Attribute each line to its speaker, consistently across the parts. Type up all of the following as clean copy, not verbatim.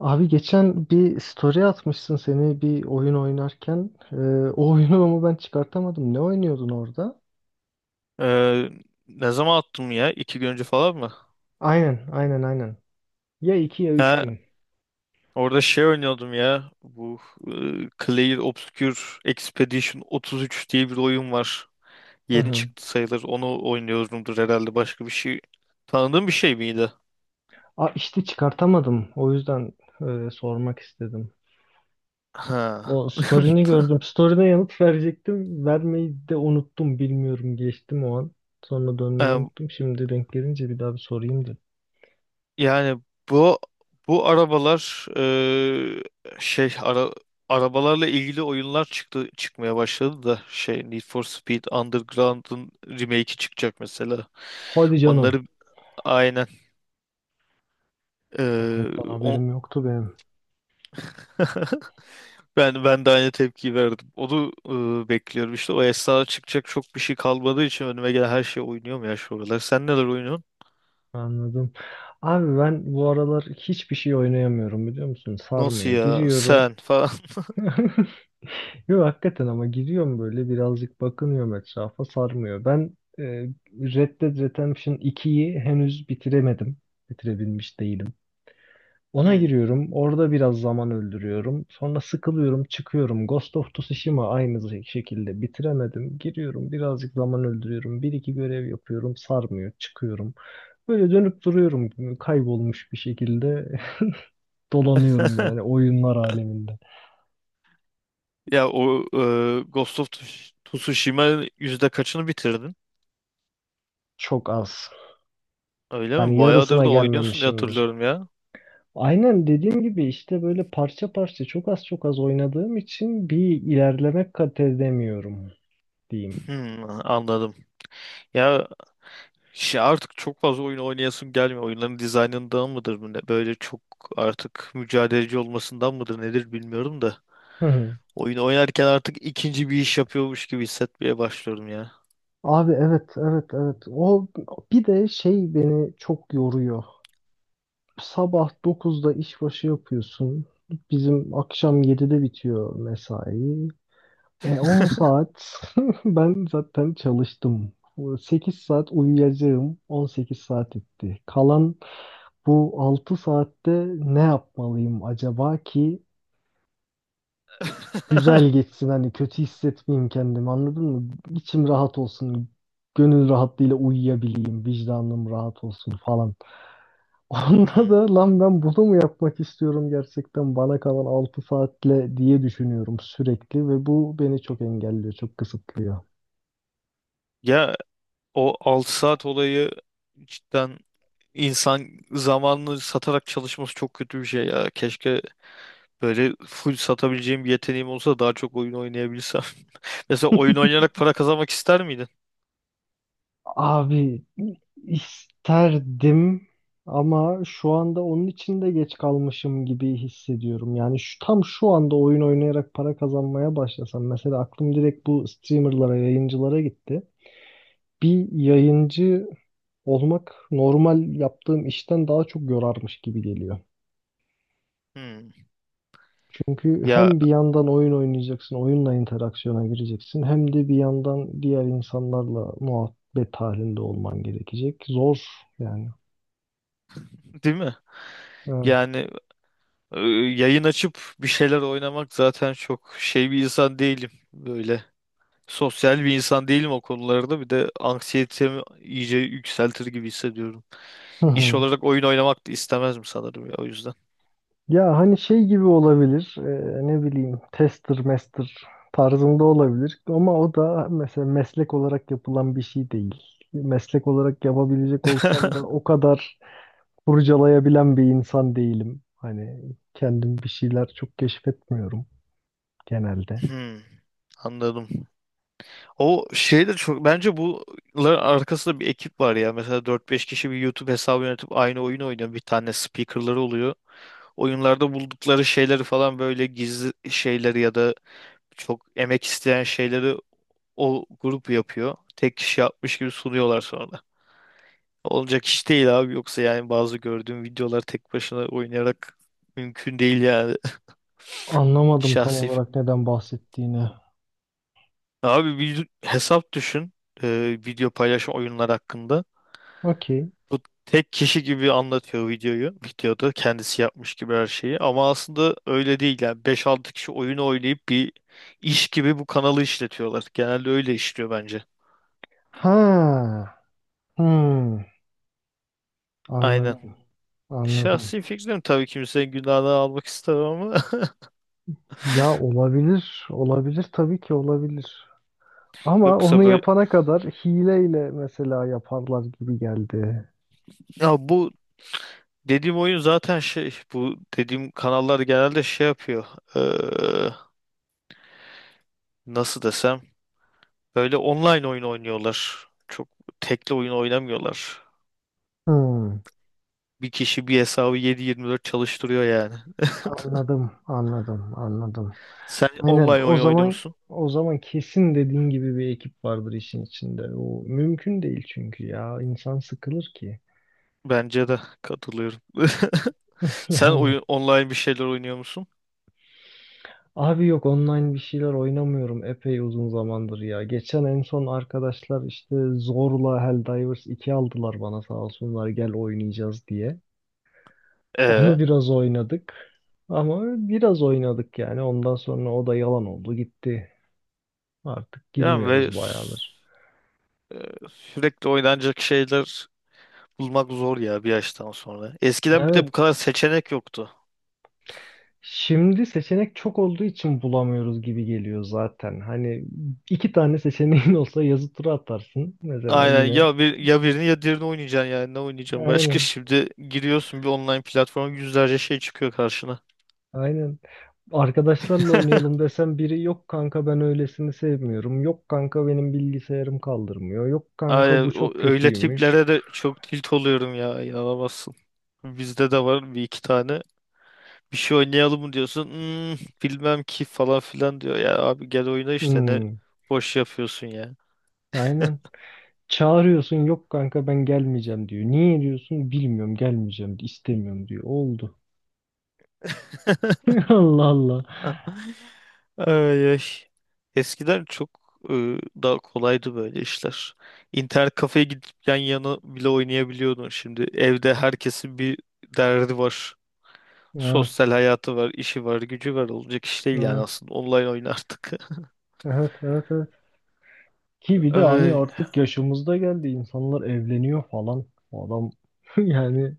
Speaker 1: Abi geçen bir story atmışsın seni bir oyun oynarken. O oyunu ama ben çıkartamadım. Ne oynuyordun orada?
Speaker 2: Ee, Ne zaman attım ya? İki gün önce falan mı?
Speaker 1: Aynen, aynen, aynen. Ya iki ya üç
Speaker 2: Ha,
Speaker 1: gün.
Speaker 2: orada şey oynuyordum ya. Bu Clair Obscure Expedition 33 diye bir oyun var.
Speaker 1: Hı
Speaker 2: Yeni
Speaker 1: hı.
Speaker 2: çıktı sayılır. Onu oynuyordumdur herhalde. Başka bir şey. Tanıdığım bir şey miydi?
Speaker 1: Aa, işte çıkartamadım. O yüzden sormak istedim.
Speaker 2: Ha.
Speaker 1: O story'ni gördüm. Story'ne yanıt verecektim. Vermeyi de unuttum. Bilmiyorum geçtim o an. Sonra dönmeyi unuttum. Şimdi denk gelince bir daha bir sorayım dedim.
Speaker 2: Yani bu bu arabalar şey ara, arabalarla ilgili oyunlar çıkmaya başladı da şey Need for Speed Underground'ın remake'i çıkacak mesela.
Speaker 1: Hadi canım.
Speaker 2: Onları aynen
Speaker 1: Bak
Speaker 2: e,
Speaker 1: ondan
Speaker 2: o-
Speaker 1: haberim yoktu benim.
Speaker 2: ben de aynı tepkiyi verdim. Onu bekliyorum işte, o esnada çıkacak çok bir şey kalmadığı için önüme gelen her şey oynuyorum ya şu aralar. Sen neler oynuyorsun?
Speaker 1: Anladım. Abi ben bu aralar hiçbir şey oynayamıyorum biliyor musun?
Speaker 2: Nasıl
Speaker 1: Sarmıyor.
Speaker 2: ya
Speaker 1: Giriyorum.
Speaker 2: sen falan.
Speaker 1: Yok hakikaten ama giriyorum böyle birazcık bakınıyorum etrafa sarmıyor. Red Dead Redemption 2'yi henüz bitiremedim. Bitirebilmiş değilim. Ona giriyorum. Orada biraz zaman öldürüyorum. Sonra sıkılıyorum, çıkıyorum. Ghost of Tsushima aynı şekilde bitiremedim. Giriyorum, birazcık zaman öldürüyorum. Bir iki görev yapıyorum, sarmıyor, çıkıyorum. Böyle dönüp duruyorum kaybolmuş bir şekilde. Dolanıyorum
Speaker 2: Hmm.
Speaker 1: yani oyunlar aleminde.
Speaker 2: Ya o Ghost of Tsushima yüzde kaçını bitirdin?
Speaker 1: Çok az.
Speaker 2: Öyle
Speaker 1: Yani
Speaker 2: mi? Bayağıdır
Speaker 1: yarısına
Speaker 2: da oynuyorsun diye
Speaker 1: gelmemişimdir.
Speaker 2: hatırlıyorum ya.
Speaker 1: Aynen dediğim gibi işte böyle parça parça çok az çok az oynadığım için bir ilerleme kat edemiyorum diyeyim.
Speaker 2: Hmm, anladım. Ya şey, artık çok fazla oyun oynayasım gelmiyor. Oyunların dizaynından mıdır, bu ne? Böyle çok artık mücadeleci olmasından mıdır nedir, bilmiyorum da.
Speaker 1: Hı hı.
Speaker 2: Oyun oynarken artık ikinci bir iş yapıyormuş gibi hissetmeye başlıyorum ya.
Speaker 1: Abi evet evet evet. O bir de şey beni çok yoruyor. Sabah 9'da işbaşı yapıyorsun. Bizim akşam 7'de bitiyor mesai. 10 saat ben zaten çalıştım. 8 saat uyuyacağım. 18 saat etti. Kalan bu 6 saatte ne yapmalıyım acaba ki güzel geçsin hani kötü hissetmeyeyim kendimi anladın mı? İçim rahat olsun. Gönül rahatlığıyla uyuyabileyim. Vicdanım rahat olsun falan. Onda
Speaker 2: Hmm.
Speaker 1: da lan ben bunu mu yapmak istiyorum gerçekten bana kalan 6 saatle diye düşünüyorum sürekli ve bu beni çok engelliyor, çok kısıtlıyor.
Speaker 2: Ya o 6 saat olayı cidden, İnsan zamanını satarak çalışması çok kötü bir şey ya. Keşke böyle full satabileceğim bir yeteneğim olsa, daha çok oyun oynayabilsem. Mesela oyun oynayarak para kazanmak ister miydin?
Speaker 1: Abi isterdim ama şu anda onun için de geç kalmışım gibi hissediyorum. Yani şu tam şu anda oyun oynayarak para kazanmaya başlasam mesela aklım direkt bu streamerlara, yayıncılara gitti. Bir yayıncı olmak normal yaptığım işten daha çok yorarmış gibi geliyor.
Speaker 2: Hmm.
Speaker 1: Çünkü
Speaker 2: Ya
Speaker 1: hem bir yandan oyun oynayacaksın, oyunla interaksiyona gireceksin, hem de bir yandan diğer insanlarla muhabbet halinde olman gerekecek. Zor yani.
Speaker 2: değil mi?
Speaker 1: Ee,
Speaker 2: Yani yayın açıp bir şeyler oynamak, zaten çok şey bir insan değilim böyle. Sosyal bir insan değilim o konularda. Bir de anksiyetemi iyice yükseltir gibi hissediyorum.
Speaker 1: Hı
Speaker 2: İş
Speaker 1: hı.
Speaker 2: olarak oyun oynamak da istemezdim sanırım ya, o yüzden.
Speaker 1: Ya hani şey gibi olabilir, ne bileyim tester master tarzında olabilir ama o da mesela meslek olarak yapılan bir şey değil. Meslek olarak yapabilecek olsam da o kadar kurcalayabilen bir insan değilim. Hani kendim bir şeyler çok keşfetmiyorum genelde.
Speaker 2: Hmm, anladım. O şey de çok, bence bunların arkasında bir ekip var ya. Mesela dört beş kişi bir YouTube hesabı yönetip aynı oyun oynuyor. Bir tane speakerları oluyor. Oyunlarda buldukları şeyleri falan, böyle gizli şeyleri ya da çok emek isteyen şeyleri o grup yapıyor. Tek kişi yapmış gibi sunuyorlar sonra. Olacak iş değil abi. Yoksa yani bazı gördüğüm videolar tek başına oynayarak mümkün değil yani.
Speaker 1: Anlamadım tam
Speaker 2: Şahsi. Fi-
Speaker 1: olarak neden bahsettiğini.
Speaker 2: Abi bir hesap düşün. Video paylaşım, oyunlar hakkında.
Speaker 1: Okey.
Speaker 2: Bu tek kişi gibi anlatıyor videoyu. Videoda kendisi yapmış gibi her şeyi. Ama aslında öyle değil yani. Beş altı kişi oyunu oynayıp bir iş gibi bu kanalı işletiyorlar. Genelde öyle işliyor bence.
Speaker 1: Ha. Hmm.
Speaker 2: Aynen.
Speaker 1: Anladım. Anladım.
Speaker 2: Şahsi fikrim tabii, kimsenin günahını almak istemem ama
Speaker 1: Ya olabilir, olabilir tabii ki olabilir. Ama
Speaker 2: yoksa
Speaker 1: onu
Speaker 2: böyle,
Speaker 1: yapana kadar hileyle mesela yaparlar gibi geldi.
Speaker 2: ya bu dediğim oyun zaten şey, bu dediğim kanallar genelde şey yapıyor. Ee, Nasıl desem, böyle online oyun oynuyorlar, çok tekli oyun oynamıyorlar,
Speaker 1: Hmm,
Speaker 2: bir kişi bir hesabı yedi yirmi dört çalıştırıyor yani.
Speaker 1: anladım, anladım, anladım.
Speaker 2: Sen
Speaker 1: Aynen
Speaker 2: online
Speaker 1: o
Speaker 2: oyun
Speaker 1: zaman
Speaker 2: oynuyorsun,
Speaker 1: o zaman kesin dediğin gibi bir ekip vardır işin içinde. O mümkün değil çünkü ya insan sıkılır ki.
Speaker 2: bence de katılıyorum. Sen
Speaker 1: Yani
Speaker 2: oyun online bir şeyler oynuyor musun?
Speaker 1: Abi yok online bir şeyler oynamıyorum epey uzun zamandır ya. Geçen en son arkadaşlar işte zorla Helldivers 2 aldılar bana sağ olsunlar gel oynayacağız diye. Onu
Speaker 2: Ee,
Speaker 1: biraz oynadık ama biraz oynadık yani ondan sonra o da yalan oldu gitti. Artık
Speaker 2: Yani ve
Speaker 1: girmiyoruz bayağıdır.
Speaker 2: sürekli oynanacak şeyler bulmak zor ya bir yaştan sonra. Eskiden bir de bu
Speaker 1: Evet
Speaker 2: kadar seçenek yoktu.
Speaker 1: şimdi seçenek çok olduğu için bulamıyoruz gibi geliyor zaten. Hani iki tane seçeneğin olsa yazı tura atarsın mesela
Speaker 2: Aynen
Speaker 1: yine.
Speaker 2: ya, bir ya birini ya diğerini oynayacaksın yani, ne oynayacaksın başka?
Speaker 1: Aynen.
Speaker 2: Şimdi giriyorsun bir online platforma, yüzlerce şey çıkıyor karşına.
Speaker 1: Aynen. Arkadaşlarla oynayalım desem biri yok kanka ben öylesini sevmiyorum. Yok kanka benim bilgisayarım kaldırmıyor. Yok kanka
Speaker 2: Aynen,
Speaker 1: bu çok
Speaker 2: öyle
Speaker 1: kötüymüş.
Speaker 2: tiplere de çok tilt oluyorum ya, inanamazsın. Bizde de var bir iki tane. Bir şey oynayalım mı diyorsun. "Hmm, bilmem ki" falan filan diyor. Ya abi gel oyna işte, ne
Speaker 1: Hmm,
Speaker 2: boş yapıyorsun ya.
Speaker 1: aynen. Çağırıyorsun yok kanka ben gelmeyeceğim diyor. Niye diyorsun bilmiyorum gelmeyeceğim istemiyorum diyor. Oldu. Allah Allah.
Speaker 2: Ay, ay. Eskiden çok e, daha kolaydı böyle işler. İnternet kafeye gidip yan yana bile oynayabiliyordun. Şimdi evde herkesin bir derdi var.
Speaker 1: Ha,
Speaker 2: Sosyal hayatı var, işi var, gücü var. Olacak iş değil yani
Speaker 1: ha,
Speaker 2: aslında. Online oynardık.
Speaker 1: evet, evet, evet. Ki bir de hani
Speaker 2: Ay,
Speaker 1: artık yaşımızda geldi insanlar evleniyor falan. O adam yani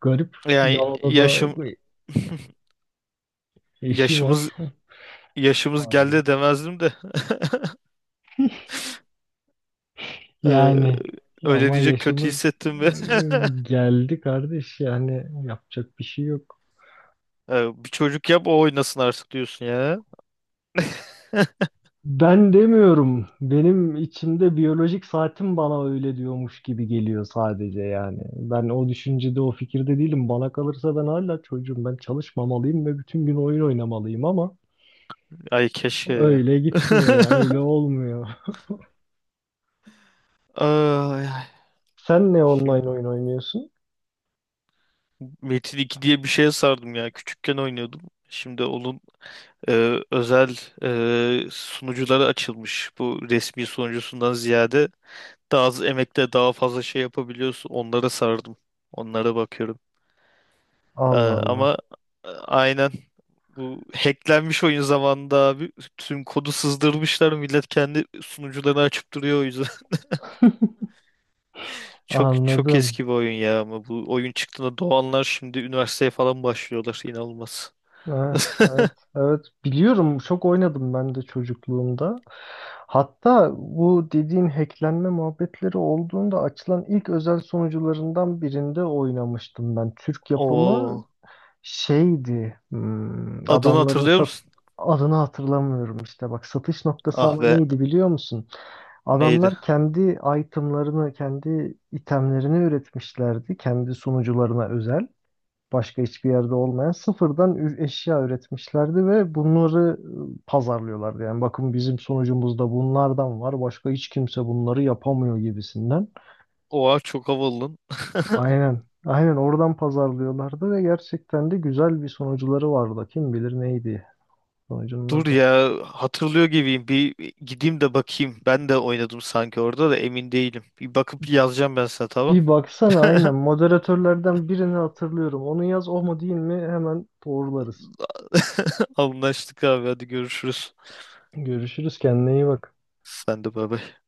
Speaker 1: garip.
Speaker 2: yani
Speaker 1: Yalova'da da
Speaker 2: yaşım
Speaker 1: eşi var.
Speaker 2: yaşımız yaşımız
Speaker 1: Pardon.
Speaker 2: geldi demezdim de. Ee,
Speaker 1: Yani ya
Speaker 2: Öyle
Speaker 1: ama
Speaker 2: diyecek kötü
Speaker 1: yaşımız
Speaker 2: hissettim ve
Speaker 1: geldi kardeş yani yapacak bir şey yok.
Speaker 2: Bir çocuk yap, o oynasın artık diyorsun ya.
Speaker 1: Ben demiyorum. Benim içimde biyolojik saatim bana öyle diyormuş gibi geliyor sadece yani. Ben o düşüncede, o fikirde değilim. Bana kalırsa ben hala çocuğum. Ben çalışmamalıyım ve bütün gün oyun oynamalıyım ama
Speaker 2: Ay keşke ya.
Speaker 1: öyle gitmiyor ya, öyle olmuyor.
Speaker 2: Ay, ay.
Speaker 1: Sen ne
Speaker 2: Şimdi
Speaker 1: online oyun oynuyorsun?
Speaker 2: Metin iki diye bir şeye sardım ya. Küçükken oynuyordum. Şimdi onun özel sunucuları açılmış. Bu, resmi sunucusundan ziyade daha az emekle daha fazla şey yapabiliyorsun. Onlara sardım. Onlara bakıyorum. E,
Speaker 1: Allah
Speaker 2: ama
Speaker 1: Allah.
Speaker 2: e, aynen bu hacklenmiş oyun zamanında abi tüm kodu sızdırmışlar. Millet kendi sunucularını açıp duruyor o yüzden. Çok çok
Speaker 1: Anladım.
Speaker 2: eski bir oyun ya, ama bu oyun çıktığında doğanlar şimdi üniversiteye falan başlıyorlar. İnanılmaz.
Speaker 1: Evet, evet, evet. Biliyorum, çok oynadım ben de çocukluğumda. Hatta bu dediğin hacklenme muhabbetleri olduğunda açılan ilk özel sunucularından birinde oynamıştım ben. Türk yapımı
Speaker 2: Oo.
Speaker 1: şeydi, hmm,
Speaker 2: Adını
Speaker 1: adamların
Speaker 2: hatırlıyor
Speaker 1: sat
Speaker 2: musun?
Speaker 1: adını hatırlamıyorum işte. Bak satış noktası
Speaker 2: Ah
Speaker 1: ama
Speaker 2: be.
Speaker 1: neydi biliyor musun?
Speaker 2: Neydi?
Speaker 1: Adamlar kendi itemlarını, kendi itemlerini üretmişlerdi, kendi sunucularına özel başka hiçbir yerde olmayan sıfırdan eşya üretmişlerdi ve bunları pazarlıyorlardı. Yani bakın bizim sonucumuzda bunlardan var. Başka hiç kimse bunları yapamıyor gibisinden.
Speaker 2: Oha çok havalı. Lan.
Speaker 1: Aynen. Aynen oradan pazarlıyorlardı ve gerçekten de güzel bir sonuçları vardı. Kim bilir neydi sonucunun
Speaker 2: Dur
Speaker 1: adı.
Speaker 2: ya, hatırlıyor gibiyim. Bir gideyim de bakayım. Ben de oynadım sanki orada, da emin değilim. Bir bakıp yazacağım ben sana, tamam.
Speaker 1: Bir baksana aynen moderatörlerden birini hatırlıyorum. Onu yaz o mu değil mi hemen doğrularız.
Speaker 2: Anlaştık abi, hadi görüşürüz.
Speaker 1: Görüşürüz kendine iyi bak.
Speaker 2: Sen de bay bay.